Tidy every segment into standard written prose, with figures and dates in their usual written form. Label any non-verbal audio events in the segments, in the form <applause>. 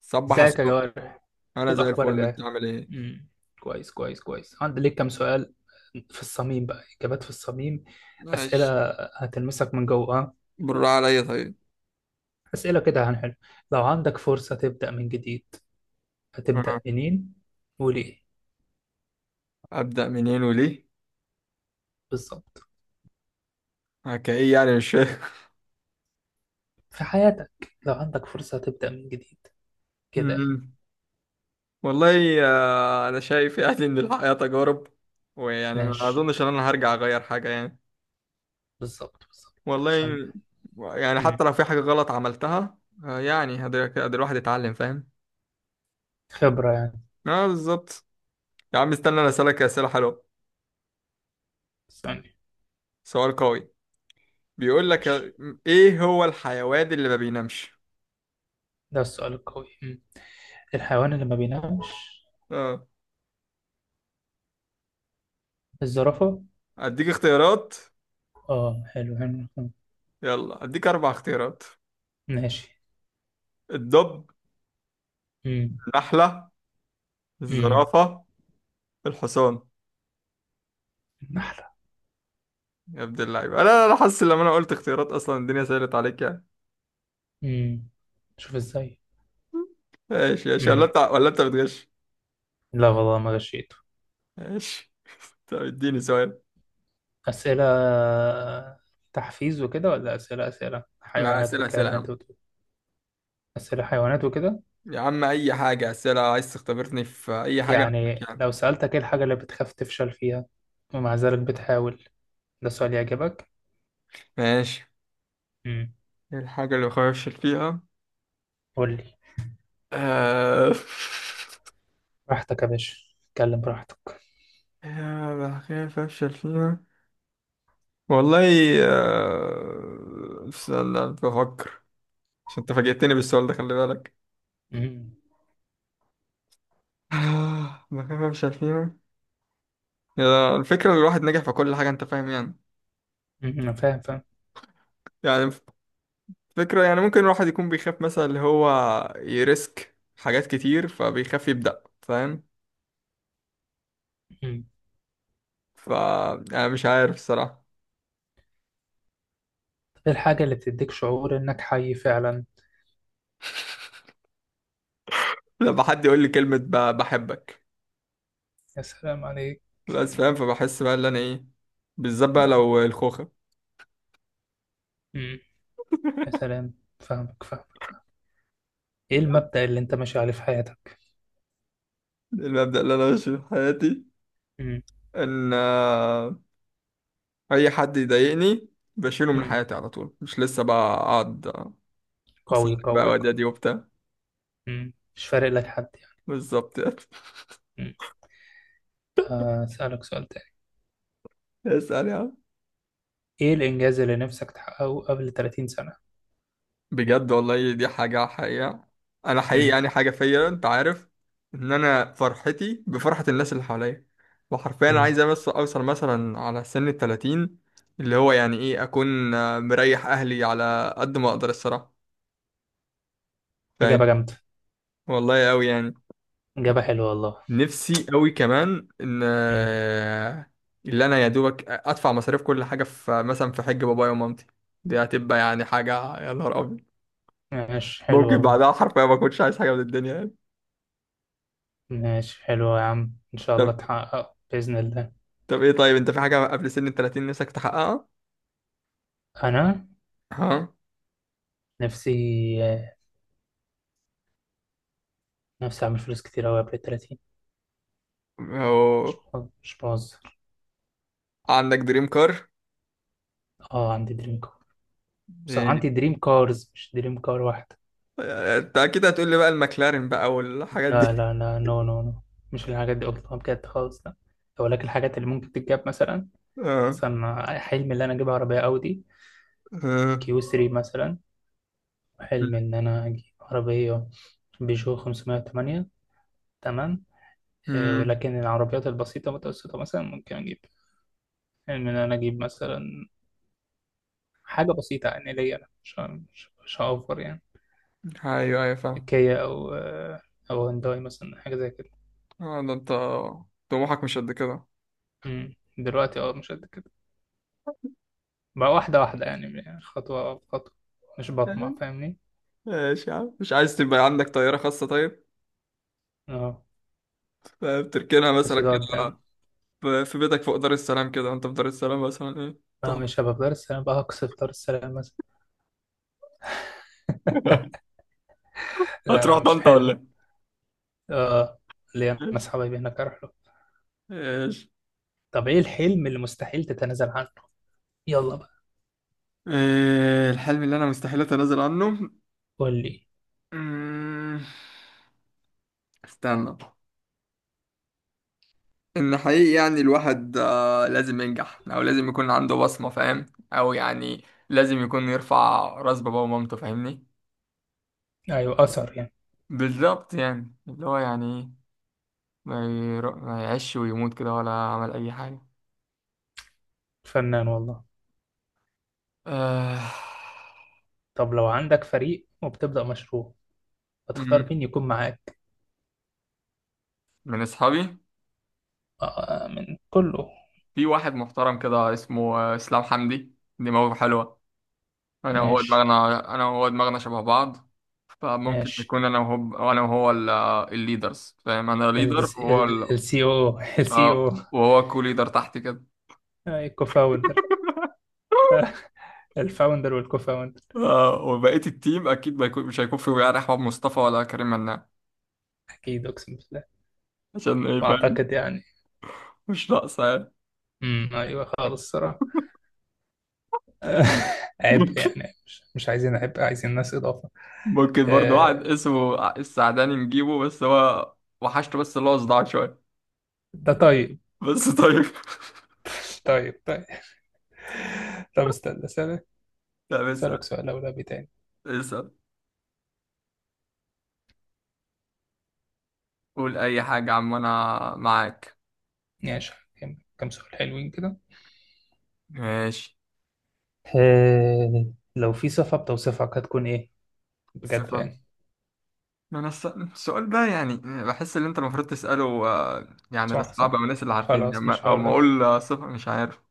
صبح ازيك يا الصبح. جوار. انا ايه زي الاخبار يا الفل، انت جوار؟ عامل ايه؟ امم كويس كويس كويس. عندي ليك كام سؤال في الصميم بقى، اجابات في الصميم. ماشي. اسئله هتلمسك من جوه، ها؟ بالراحة عليا، طيب. اسئله كده هنحل. لو عندك فرصه تبدا من جديد، هتبدا آه. منين وليه؟ ابدا منين وليه؟ بالظبط. كايه يعني، مش فاهم. في حياتك، لو عندك فرصه تبدا من جديد <laughs> كده. مم. والله، انا شايف يعني ان الحياه تجارب، ويعني ما ماشي، اظنش ان انا هرجع اغير حاجه يعني. بالظبط بالظبط عشان والله، يعني امم حتى لو في حاجه غلط عملتها، يعني هقدر الواحد يتعلم، فاهم. خبره يعني. اه بالظبط. يا عم استنى، انا اسالك اسئله حلوه. استني. سؤال قوي. بيقول لك ماشي، ايه هو الحيوان اللي ما بينامش. ده السؤال القوي. الحيوان اللي ما بينامش؟ اه، الزرافه. اديك اختيارات. اه، حلو حلو حلو. يلا اديك اربع اختيارات. ماشي. الدب، امم النحلة، امم الزرافة، الحصان. نحلة. يا ابن اللعيبة، انا حاسس لما انا قلت اختيارات اصلا الدنيا سهلت عليك يعني. امم شوف ازاي. ماشي ماشي، ولا امم انت ولا انت بتغش؟ لا والله، ما غشيته. ماشي. طب اديني سؤال. أسئلة تحفيز وكده، ولا أسئلة أسئلة لا حيوانات اسئلة والكلام اسئلة يا اللي أنت عم. بتقوله؟ أسئلة حيوانات وكده. يا عم اي حاجة، اسئلة عايز تختبرني في اي حاجة، انا معاك يا يعني عم. لو سألتك، إيه الحاجة اللي بتخاف تفشل فيها ومع ذلك بتحاول؟ ده سؤال يعجبك. ماشي. امم ايه الحاجة اللي بخاف افشل فيها؟ قول لي. آه... <laughs> براحتك يا باشا، اتكلم براحتك. بخاف افشل فيها. والله، استنى بفكر، عشان انت فاجئتني بالسؤال ده، خلي بالك. امم ما كان مش عارفين، يا الفكرة الواحد نجح في كل حاجة، انت فاهم يعني. أمم، أنا فاهم فاهم. يعني فكرة يعني ممكن الواحد يكون بيخاف مثلا اللي هو يريسك حاجات كتير فبيخاف يبدأ، فاهم. امم ف انا مش عارف الصراحة. إيه الحاجة اللي بتديك شعور إنك حي فعلا؟ لما حد يقول لي كلمة بحبك، يا سلام عليك. بس فاهم، فبحس بقى اللي انا ايه، بالذات بقى مم. لو الخوخة. مم. يا سلام. فاهمك فاهمك فاهم. ايه المبدأ اللي انت ماشي عليه في حياتك؟ المبدأ اللي انا ماشي في حياتي مم. ان اي حد يضايقني بشيله من مم. حياتي على طول، مش لسه بقى اقعد قوي سألك بقى قوي قوي. ودادي وبتاع. مم. مش فارق لك حد يعني. بالظبط <laughs> يعني. مم. هسألك سؤال تاني. اسأل يا عم. ايه الإنجاز اللي نفسك تحققه قبل 30 سنة؟ بجد والله دي حاجة حقيقة. أنا حقيقي مم. يعني حاجة فيا، أنت عارف، إن أنا فرحتي بفرحة الناس اللي حواليا. وحرفيا أنا مم. عايز بس أوصل مثلا على سن التلاتين، اللي هو يعني إيه أكون مريح أهلي على قد ما أقدر الصراحة. فاهم. إجابة جامدة. والله أوي يعني. إجابة حلوة والله. نفسي أوي كمان إن مم. اللي أنا يا دوبك أدفع مصاريف كل حاجة في مثلا في حج بابايا ومامتي. دي هتبقى يعني حاجة يا نهار أبيض. ماشي، حلو ممكن والله. بعدها حرفيا ما كنتش عايز حاجه من الدنيا يعني. ماشي حلو يا عم، إن شاء الله طب تحققه بإذن الله. طب ايه، طيب انت في حاجه قبل سن ال 30 نفسك تحققها؟ أنا؟ ها. نفسي نفسي أعمل فلوس كتير أوي قبل 30. هو مش بهزر. عندك دريم كار؟ اه، عندي دريم. بس ايه؟ عندي دريم كارز، مش دريم كار واحدة. انت اكيد هتقول لي بقى المكلارين بقى والحاجات لا دي. لا لا، نو نو نو. مش الحاجات دي، قلتها بجد خالص، لا. ولكن الحاجات اللي ممكن تتجاب مثلا. اه مثلا حلمي اللي انا اجيب عربية اودي اه. كيو 3 مثلا. حلمي ان انا اجيب عربية بيجو 508. تمام. امم. ولكن العربيات البسيطة المتوسطة مثلا ممكن اجيب. حلم ان انا اجيب مثلا حاجة بسيطة يعني ليا أنا، مش هأوفر يعني. ايوه ايوه، فاهم. كيا او او هونداي مثلا، حاجة زي كده. اه ده انت طموحك مش قد كده. مم. دلوقتي اه، مش قد كده. بقى واحدة واحدة، يعني خطوة بخطوة. مش بطمع، فاهمني. ماشي يا عم، مش عايز تبقى عندك طياره خاصه طيب؟ اه، بتركنها مثلا بس ده قدام. كده، في بيتك فوق دار السلام كده، انت في دار السلام مثلا ايه؟ اه، تح- مش هبقى في دار السلام بقى، هقصف في دار السلام مثلا. <laughs> لا لا، هتروح مش طنطا حلم. ولا؟ اه، اللي انا إيه؟ ناس حبايبي هناك اروح له. إيش؟ طب ايه الحلم اللي مستحيل تتنازل عنه؟ يلا بقى. إيه الحلم اللي انا مستحيل اتنازل عنه؟ قول لي. أمم، استنى، ان حقيقي يعني الواحد لازم ينجح او لازم يكون عنده بصمة، فاهم. او يعني لازم يكون يرفع راس باباه ومامته، فاهمني. ايوه، اثر يعني. بالظبط يعني اللي هو يعني إيه، ما, ما يعيش ويموت كده ولا عمل اي حاجة. فنان والله. آه... طب لو عندك فريق وبتبدأ مشروع، هتختار أمم، مين يكون معاك؟ من اصحابي آه، من كله. في واحد محترم كده اسمه اسلام حمدي، دماغه حلوة. ماشي. انا وهو دماغنا شبه بعض، فممكن ماشي. نكون انا وهو الليدرز، فاهم. انا ليدر وهو السي او، السي او. وهو كو ليدر تحت كده. الكوفاوندر. <laughs> <laughs> الفاوندر والكوفاوندر. وبقية التيم اكيد ما يكون مش هيكون في وعاء احمد مصطفى ولا كريم مناع. اكيد، اقسم بالله. عشان ايه، فاهم. واعتقد يعني. مش ناقصه يعني. <laughs> ايوه خالص الصراحه. <laughs> عبء ممكن يعني، مش عايزين عبء، عايزين ناس اضافه. ممكن برضه واحد آه، اسمه السعداني نجيبه، بس هو وحشته، بس اللي هو صداع شويه. ده طيب. بس طيب. <laughs> <laughs> طيب طيب. طب استنى اسالك. لا بس. اسالك سؤال اولى تاني. اسال. قول اي حاجه يا عم، انا معاك. ماشي، كم كم سؤال حلوين كده. ماشي. آه، لو في صفه بتوصفك، هتكون ايه؟ بجد صفة، يعني. ما انا السؤال ده يعني بحس ان انت المفروض تسأله يعني صح لاصحاب صح. او الناس اللي عارفين خلاص يعني، مش او هقول ما لك. اقول صفة، مش عارف.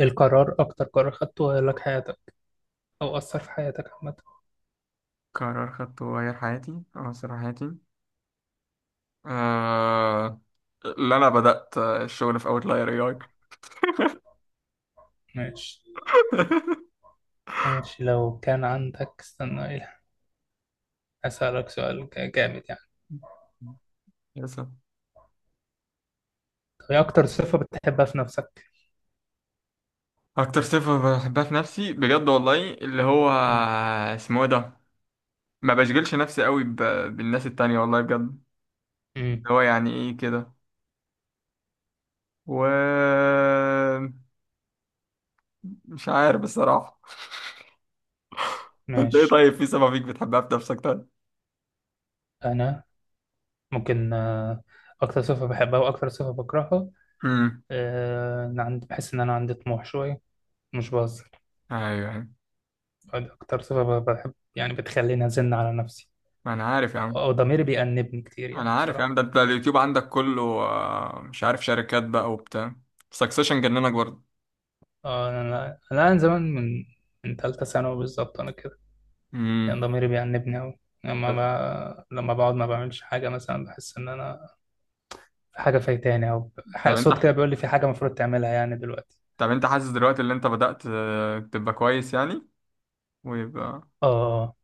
القرار اكتر قرار خدته غير لك حياتك او اثر في حياتك عامه. قرار خدته غير حياتي او سر حياتي. آه... اللي انا بدأت الشغل في اوتلاير اي اي. ماشي. <laughs> ماشي، لو كان عندك، استنى ايه. أسألك سؤال جامد يعني. للأسف. طب ايه أكتر صفة بتحبها في نفسك؟ اكتر صفة بحبها في نفسي، بجد والله، اللي هو اسمه إيه ده، ما بشغلش نفسي قوي بالناس التانية، والله بجد. اللي امم هو يعني ايه كده. و مش عارف بصراحة. انت ايه ماشي. طيب، في سبب فيك بتحبها في نفسك طيب؟ أنا؟ ممكن أكتر صفة بحبها وأكتر صفة بكرهها. امم. أنا عندي، بحس إن أنا عندي طموح شوية. مش بهزر. ايوه ايوه. دي أكتر صفة بحب، يعني بتخليني أزن على نفسي. ما انا عارف يا أو عم. أو ضميري بيأنبني كتير يعني انا عارف يا عم، بصراحة. ده انت اليوتيوب عندك كله مش عارف شركات بقى وبتاع، سكسيشن جننك برضه. أنا من زمان، من تالتة ثانوي بالظبط أنا كده. يعني امم. ضميري بيأنبني أوي. لما طب لما بقعد ما بعملش حاجة مثلا، بحس إن أنا في حاجة فايتاني، أو طب انت صوت كده بيقول لي في حاجة المفروض تعملها يعني دلوقتي. طب انت حاسس دلوقتي ان انت بدأت تبقى كويس يعني، ويبقى. آه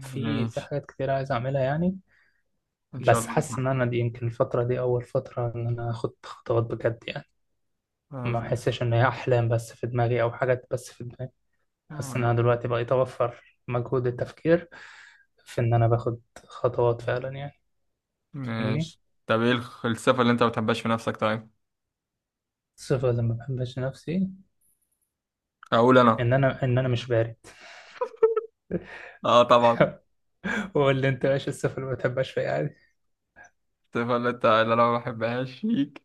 في ماشي. حاجات كتير عايز أعملها يعني. ان شاء بس الله حاسس إن تتحقق. أنا دي يمكن الفترة دي أول فترة إن أنا آخد خطوات بجد يعني. ما آه، أحسش إن هي أحلام بس في دماغي أو حاجات بس في دماغي. حاسس إن آه، أنا دلوقتي بقيت أوفر مجهود التفكير في إن أنا باخد خطوات فعلا يعني. فاهمني؟ ماشي. طب ايه الصفة اللي انت ما بتحبهاش في نفسك طيب؟ الصفة اللي ما بحبش نفسي، اقول انا. إن أنا مش بارد. اه طبعا. <laughs> قول اللي انت ماشي، الصفر اللي ما بتحبهاش فيها عادي. الصفة اللي انا ما بحبهاش فيك،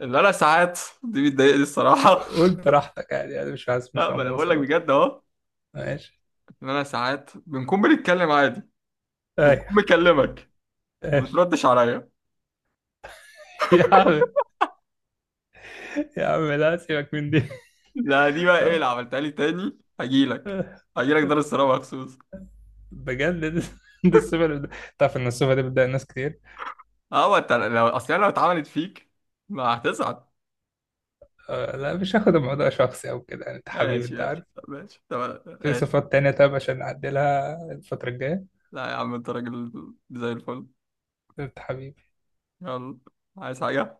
اللي انا ساعات <laughs> دي بتضايقني الصراحه. قول براحتك، عادي يعني، مش عايز، <laughs> مش لا، ما انا بقول قموصة، لك قول. بجد اهو. ماشي. ان انا ساعات بنكون بنتكلم عادي ايوه. وبكون مكلمك، ما ماشي. بتردش عليا. <laughs> يا عم، يا عم لا، سيبك من دي. <laughs> لا دي بقى ايه اللي عملتها لي؟ تاني هجيلك. هجيلك دار السلام مخصوص. بجد دي الصفة اللي تعرف ان الصفة دي بتضايق ناس كتير. اه، ما انت لو اصل أنا لو اتعملت فيك ما هتزعل. لا، مش هاخد الموضوع شخصي او كده، يعني انت حبيبي، ماشي انت ماشي، عارف. طب ماشي، طب في ماشي. صفات تانية، طب عشان نعدلها الفترة الجاية. لا يا عم، انت راجل زي الفل. انت حبيبي. يلا. عايز حاجه؟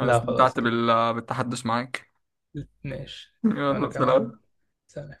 انا لا، خلاص استمتعت كده. بالتحدث معاك. ماشي. <laughs> وانا يلا، كمان. سلام. سلام.